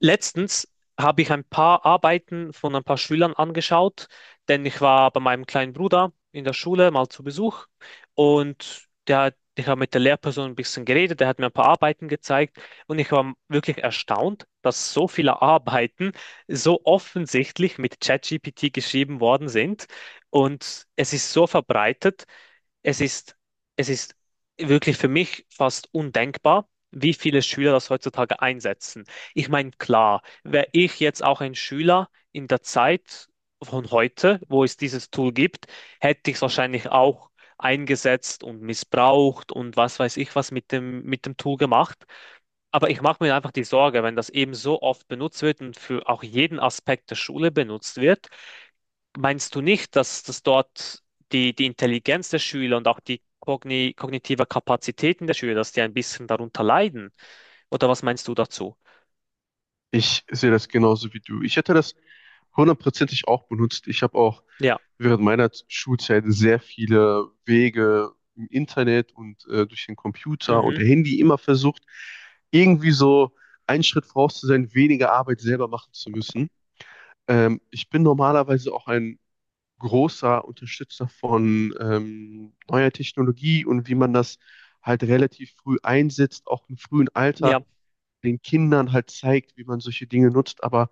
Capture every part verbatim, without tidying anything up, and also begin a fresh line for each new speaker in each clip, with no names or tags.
Letztens habe ich ein paar Arbeiten von ein paar Schülern angeschaut, denn ich war bei meinem kleinen Bruder in der Schule mal zu Besuch und der hat, ich habe mit der Lehrperson ein bisschen geredet, der hat mir ein paar Arbeiten gezeigt und ich war wirklich erstaunt, dass so viele Arbeiten so offensichtlich mit ChatGPT geschrieben worden sind und es ist so verbreitet, es ist, es ist wirklich für mich fast undenkbar, wie viele Schüler das heutzutage einsetzen. Ich meine, klar, wäre ich jetzt auch ein Schüler in der Zeit von heute, wo es dieses Tool gibt, hätte ich es wahrscheinlich auch eingesetzt und missbraucht und was weiß ich was mit dem, mit dem Tool gemacht. Aber ich mache mir einfach die Sorge, wenn das eben so oft benutzt wird und für auch jeden Aspekt der Schule benutzt wird, meinst du nicht, dass das dort die, die Intelligenz der Schüler und auch die kogni kognitive Kapazitäten der Schüler, dass die ein bisschen darunter leiden? Oder was meinst du dazu?
Ich sehe das genauso wie du. Ich hätte das hundertprozentig auch benutzt. Ich habe auch
Ja.
während meiner Schulzeit sehr viele Wege im Internet und äh, durch den Computer und
Mhm.
Handy immer versucht, irgendwie so einen Schritt voraus zu sein, weniger Arbeit selber machen zu müssen. Ähm, ich bin normalerweise auch ein großer Unterstützer von ähm, neuer Technologie und wie man das halt relativ früh einsetzt, auch im frühen Alter
Ja.
den Kindern halt zeigt, wie man solche Dinge nutzt. Aber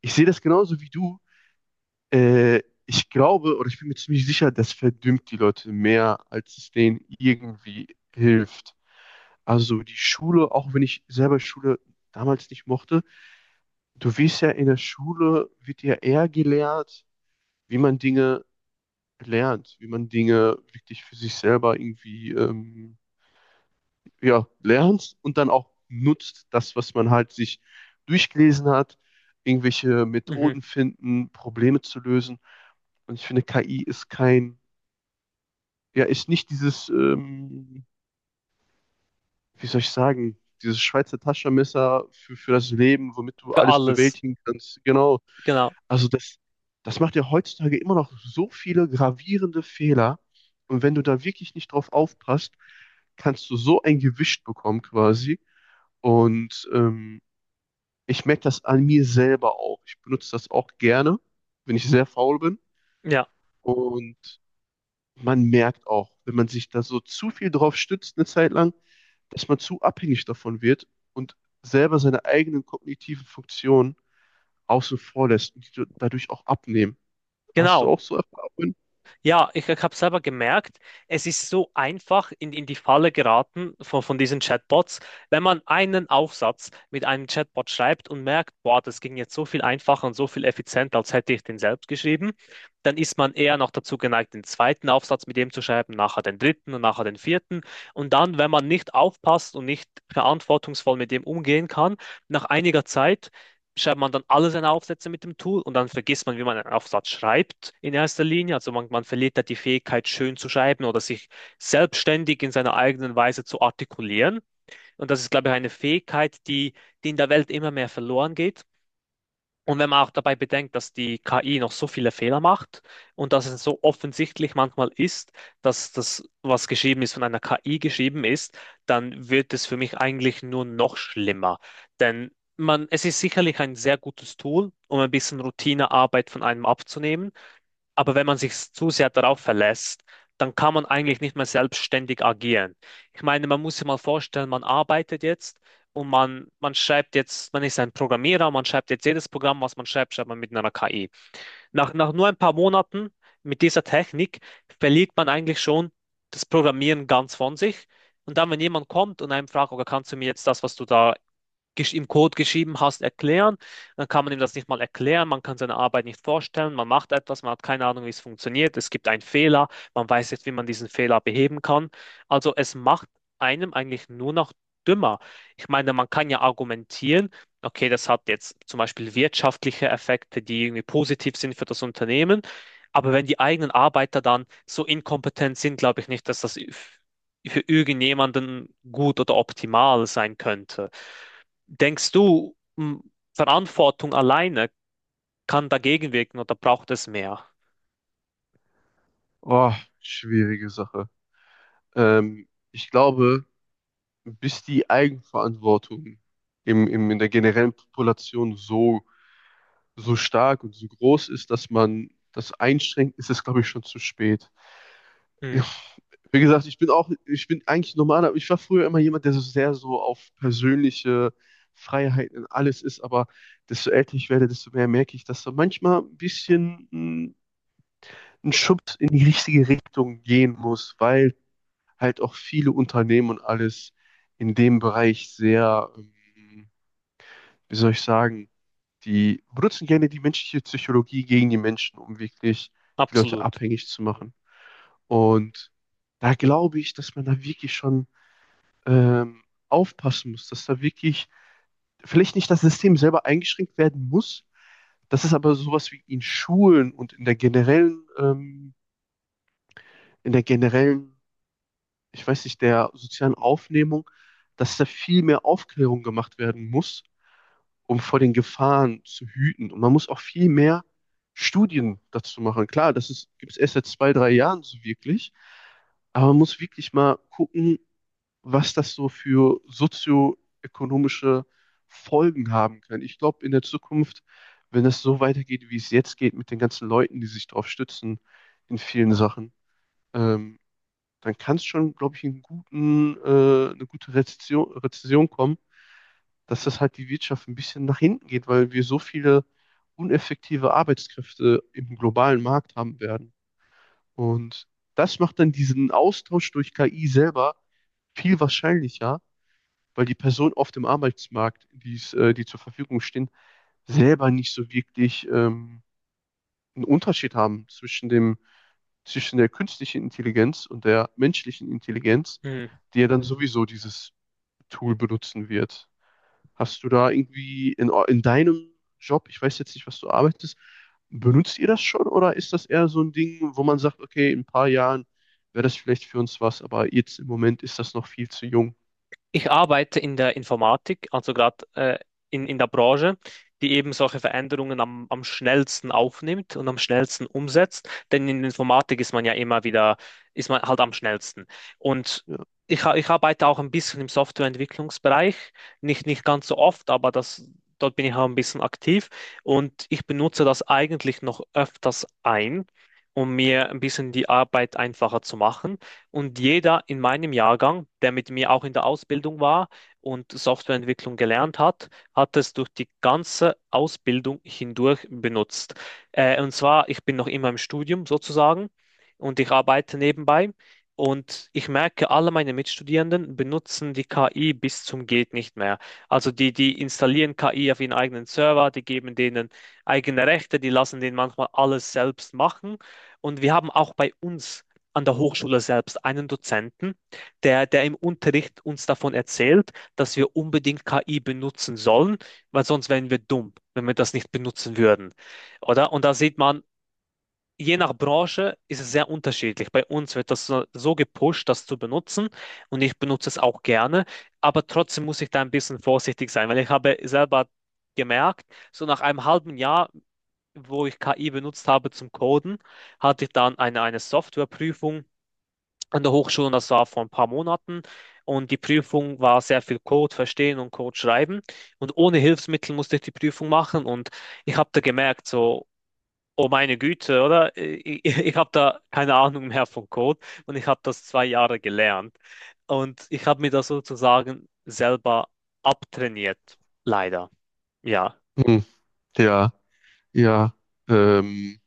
ich sehe das genauso wie du. Äh, ich glaube, oder ich bin mir ziemlich sicher, das verdümmt die Leute mehr, als es denen irgendwie hilft. Also die Schule, auch wenn ich selber Schule damals nicht mochte, du wirst ja in der Schule, wird ja eher gelehrt, wie man Dinge lernt, wie man Dinge wirklich für sich selber irgendwie ähm, ja, lernt und dann auch nutzt, das, was man halt sich durchgelesen hat, irgendwelche
Mhm.
Methoden finden, Probleme zu lösen. Und ich finde, K I ist kein, ja, ist nicht dieses, ähm, wie soll ich sagen, dieses Schweizer Taschenmesser für, für das Leben, womit du
Für
alles
alles,
bewältigen kannst. Genau.
genau.
Also das, das macht ja heutzutage immer noch so viele gravierende Fehler. Und wenn du da wirklich nicht drauf aufpasst, kannst du so ein Gewicht bekommen quasi. Und ähm, Ich merke das an mir selber auch. Ich benutze das auch gerne, wenn ich sehr faul bin.
Ja,
Und man merkt auch, wenn man sich da so zu viel drauf stützt eine Zeit lang, dass man zu abhängig davon wird und selber seine eigenen kognitiven Funktionen außen vor lässt und die dadurch auch abnehmen. Hast du
genau.
auch so Erfahrungen?
Ja, ich, ich habe selber gemerkt, es ist so einfach in, in die Falle geraten von, von diesen Chatbots, wenn man einen Aufsatz mit einem Chatbot schreibt und merkt, boah, das ging jetzt so viel einfacher und so viel effizienter, als hätte ich den selbst geschrieben, dann ist man eher noch dazu geneigt, den zweiten Aufsatz mit dem zu schreiben, nachher den dritten und nachher den vierten. Und dann, wenn man nicht aufpasst und nicht verantwortungsvoll mit dem umgehen kann, nach einiger Zeit schreibt man dann alle seine Aufsätze mit dem Tool und dann vergisst man, wie man einen Aufsatz schreibt in erster Linie. Also man, man verliert da die Fähigkeit, schön zu schreiben oder sich selbstständig in seiner eigenen Weise zu artikulieren. Und das ist, glaube ich, eine Fähigkeit, die, die in der Welt immer mehr verloren geht. Und wenn man auch dabei bedenkt, dass die K I noch so viele Fehler macht und dass es so offensichtlich manchmal ist, dass das, was geschrieben ist, von einer K I geschrieben ist, dann wird es für mich eigentlich nur noch schlimmer. Denn man, es ist sicherlich ein sehr gutes Tool, um ein bisschen Routinearbeit von einem abzunehmen, aber wenn man sich zu sehr darauf verlässt, dann kann man eigentlich nicht mehr selbstständig agieren. Ich meine, man muss sich mal vorstellen, man arbeitet jetzt und man, man schreibt jetzt, man ist ein Programmierer, man schreibt jetzt jedes Programm, was man schreibt, schreibt man mit einer K I. Nach, nach nur ein paar Monaten mit dieser Technik verliert man eigentlich schon das Programmieren ganz von sich. Und dann, wenn jemand kommt und einem fragt, oder kannst du mir jetzt das, was du da gesch- im Code geschrieben hast, erklären. Dann kann man ihm das nicht mal erklären, man kann seine Arbeit nicht vorstellen, man macht etwas, man hat keine Ahnung, wie es funktioniert, es gibt einen Fehler, man weiß nicht, wie man diesen Fehler beheben kann. Also es macht einem eigentlich nur noch dümmer. Ich meine, man kann ja argumentieren, okay, das hat jetzt zum Beispiel wirtschaftliche Effekte, die irgendwie positiv sind für das Unternehmen. Aber wenn die eigenen Arbeiter dann so inkompetent sind, glaube ich nicht, dass das für irgendjemanden gut oder optimal sein könnte. Denkst du, m, Verantwortung alleine kann dagegen wirken oder braucht es mehr?
Oh, schwierige Sache. Ähm, ich glaube, bis die Eigenverantwortung im, im, in der generellen Population so so stark und so groß ist, dass man das einschränkt, ist es, glaube ich, schon zu spät.
Hm,
Ja, wie gesagt, ich bin auch, ich bin eigentlich normal, aber ich war früher immer jemand, der so sehr so auf persönliche Freiheiten in alles ist, aber desto älter ich werde, desto mehr merke ich, dass da manchmal ein bisschen mh, ein Schubs in die richtige Richtung gehen muss, weil halt auch viele Unternehmen und alles in dem Bereich sehr, ähm, wie soll ich sagen, die benutzen gerne die menschliche Psychologie gegen die Menschen, um wirklich die Leute
absolut.
abhängig zu machen. Und da glaube ich, dass man da wirklich schon ähm, aufpassen muss, dass da wirklich vielleicht nicht das System selber eingeschränkt werden muss, dass es aber sowas wie in Schulen und in der generellen, ähm, in der generellen, ich weiß nicht, der sozialen Aufnehmung, dass da viel mehr Aufklärung gemacht werden muss, um vor den Gefahren zu hüten. Und man muss auch viel mehr Studien dazu machen. Klar, das gibt es erst seit zwei, drei Jahren so wirklich, aber man muss wirklich mal gucken, was das so für sozioökonomische Folgen haben kann. Ich glaube, in der Zukunft, wenn das so weitergeht, wie es jetzt geht, mit den ganzen Leuten, die sich darauf stützen in vielen Sachen, ähm, dann kann es schon, glaube ich, einen guten, äh, eine gute Rezession, Rezession kommen, dass das halt die Wirtschaft ein bisschen nach hinten geht, weil wir so viele uneffektive Arbeitskräfte im globalen Markt haben werden. Und das macht dann diesen Austausch durch K I selber viel wahrscheinlicher, weil die Personen auf dem Arbeitsmarkt, die's, äh, die zur Verfügung stehen, selber nicht so wirklich ähm, einen Unterschied haben zwischen dem, zwischen der künstlichen Intelligenz und der menschlichen Intelligenz,
Hm.
die ja dann sowieso dieses Tool benutzen wird. Hast du da irgendwie in, eu- in deinem Job, ich weiß jetzt nicht, was du arbeitest, benutzt ihr das schon, oder ist das eher so ein Ding, wo man sagt, okay, in ein paar Jahren wäre das vielleicht für uns was, aber jetzt im Moment ist das noch viel zu jung?
Ich arbeite in der Informatik, also gerade äh, in, in der Branche, die eben solche Veränderungen am, am schnellsten aufnimmt und am schnellsten umsetzt. Denn in Informatik ist man ja immer wieder, ist man halt am schnellsten. Und
Ja.
ich, ha- ich arbeite auch ein bisschen im Softwareentwicklungsbereich, nicht, nicht ganz so oft, aber das, dort bin ich auch ein bisschen aktiv. Und ich benutze das eigentlich noch öfters ein, um mir ein bisschen die Arbeit einfacher zu machen. Und jeder in meinem Jahrgang, der mit mir auch in der Ausbildung war und Softwareentwicklung gelernt hat, hat es durch die ganze Ausbildung hindurch benutzt. Äh, und zwar, ich bin noch immer im Studium sozusagen und ich arbeite nebenbei. Und ich merke, alle meine Mitstudierenden benutzen die K I bis zum geht nicht mehr. Also die, die installieren K I auf ihren eigenen Server, die geben denen eigene Rechte, die lassen denen manchmal alles selbst machen. Und wir haben auch bei uns an der Hochschule selbst einen Dozenten, der, der im Unterricht uns davon erzählt, dass wir unbedingt K I benutzen sollen, weil sonst wären wir dumm, wenn wir das nicht benutzen würden. Oder? Und da sieht man, je nach Branche ist es sehr unterschiedlich. Bei uns wird das so, so gepusht, das zu benutzen und ich benutze es auch gerne, aber trotzdem muss ich da ein bisschen vorsichtig sein, weil ich habe selber gemerkt, so nach einem halben Jahr, wo ich K I benutzt habe zum Coden, hatte ich dann eine, eine Softwareprüfung an der Hochschule und das war vor ein paar Monaten. Und die Prüfung war sehr viel Code verstehen und Code schreiben. Und ohne Hilfsmittel musste ich die Prüfung machen. Und ich habe da gemerkt, so, oh meine Güte, oder? Ich, ich, ich habe da keine Ahnung mehr von Code. Und ich habe das zwei Jahre gelernt. Und ich habe mir das sozusagen selber abtrainiert. Leider. Ja,
Hm, ja, ja. Ähm,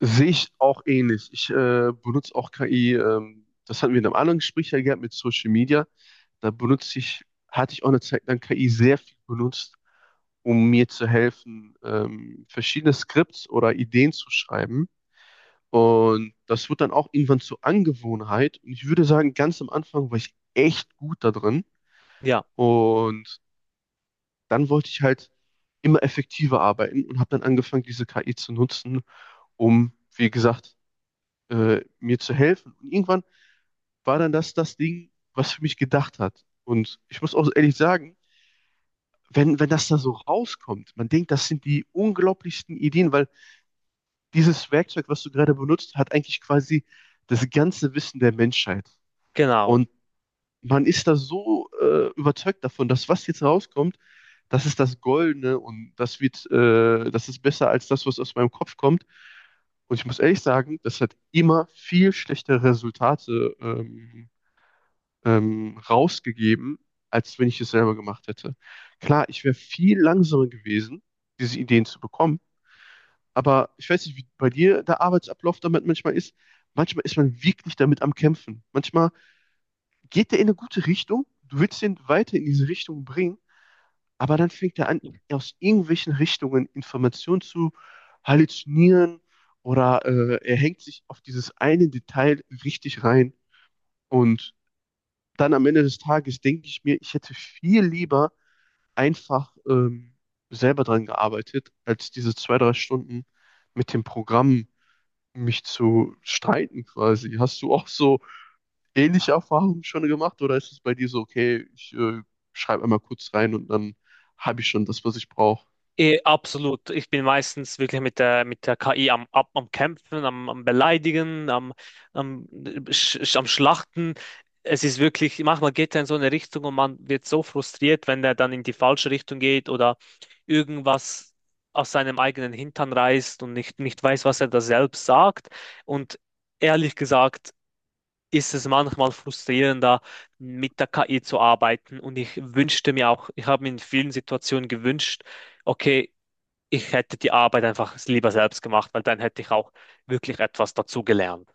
Sehe ich auch ähnlich. Ich äh, benutze auch K I, ähm, das hatten wir in einem anderen Gespräch ja gehabt mit Social Media. Da benutze ich, hatte ich auch eine Zeit lang K I sehr viel benutzt, um mir zu helfen, ähm, verschiedene Skripts oder Ideen zu schreiben. Und das wird dann auch irgendwann zur Angewohnheit. Und ich würde sagen, ganz am Anfang war ich echt gut da drin.
ja,
Und dann wollte ich halt immer effektiver arbeiten und habe dann angefangen, diese K I zu nutzen, um, wie gesagt, äh, mir zu helfen. Und irgendwann war dann das das Ding, was für mich gedacht hat. Und ich muss auch so ehrlich sagen, wenn, wenn das da so rauskommt, man denkt, das sind die unglaublichsten Ideen, weil dieses Werkzeug, was du gerade benutzt, hat eigentlich quasi das ganze Wissen der Menschheit.
genau.
Und man ist da so äh, überzeugt davon, dass was jetzt rauskommt, das ist das Goldene und das wird, äh, das ist besser als das, was aus meinem Kopf kommt. Und ich muss ehrlich sagen, das hat immer viel schlechtere Resultate ähm, ähm, rausgegeben, als wenn ich es selber gemacht hätte. Klar, ich wäre viel langsamer gewesen, diese Ideen zu bekommen, aber ich weiß nicht, wie bei dir der Arbeitsablauf damit manchmal ist. Manchmal ist man wirklich damit am Kämpfen. Manchmal geht der in eine gute Richtung, du willst den weiter in diese Richtung bringen, aber dann fängt er an, aus irgendwelchen Richtungen Informationen zu halluzinieren, oder äh, er hängt sich auf dieses eine Detail richtig rein, und dann am Ende des Tages denke ich mir, ich hätte viel lieber einfach ähm, selber dran gearbeitet, als diese zwei, drei Stunden mit dem Programm mich zu streiten quasi. Hast du auch so ähnliche Erfahrungen schon gemacht, oder ist es bei dir so, okay, ich äh, schreibe einmal kurz rein und dann habe ich schon das, was ich brauche?
Eh, absolut. Ich bin meistens wirklich mit der, mit der K I am, ab, am Kämpfen, am, am Beleidigen, am, am, sch, sch- am Schlachten. Es ist wirklich, manchmal geht er in so eine Richtung und man wird so frustriert, wenn er dann in die falsche Richtung geht oder irgendwas aus seinem eigenen Hintern reißt und nicht, nicht weiß, was er da selbst sagt. Und ehrlich gesagt, ist es manchmal frustrierender, mit der K I zu arbeiten. Und ich wünschte mir auch, ich habe mir in vielen Situationen gewünscht, okay, ich hätte die Arbeit einfach lieber selbst gemacht, weil dann hätte ich auch wirklich etwas dazugelernt.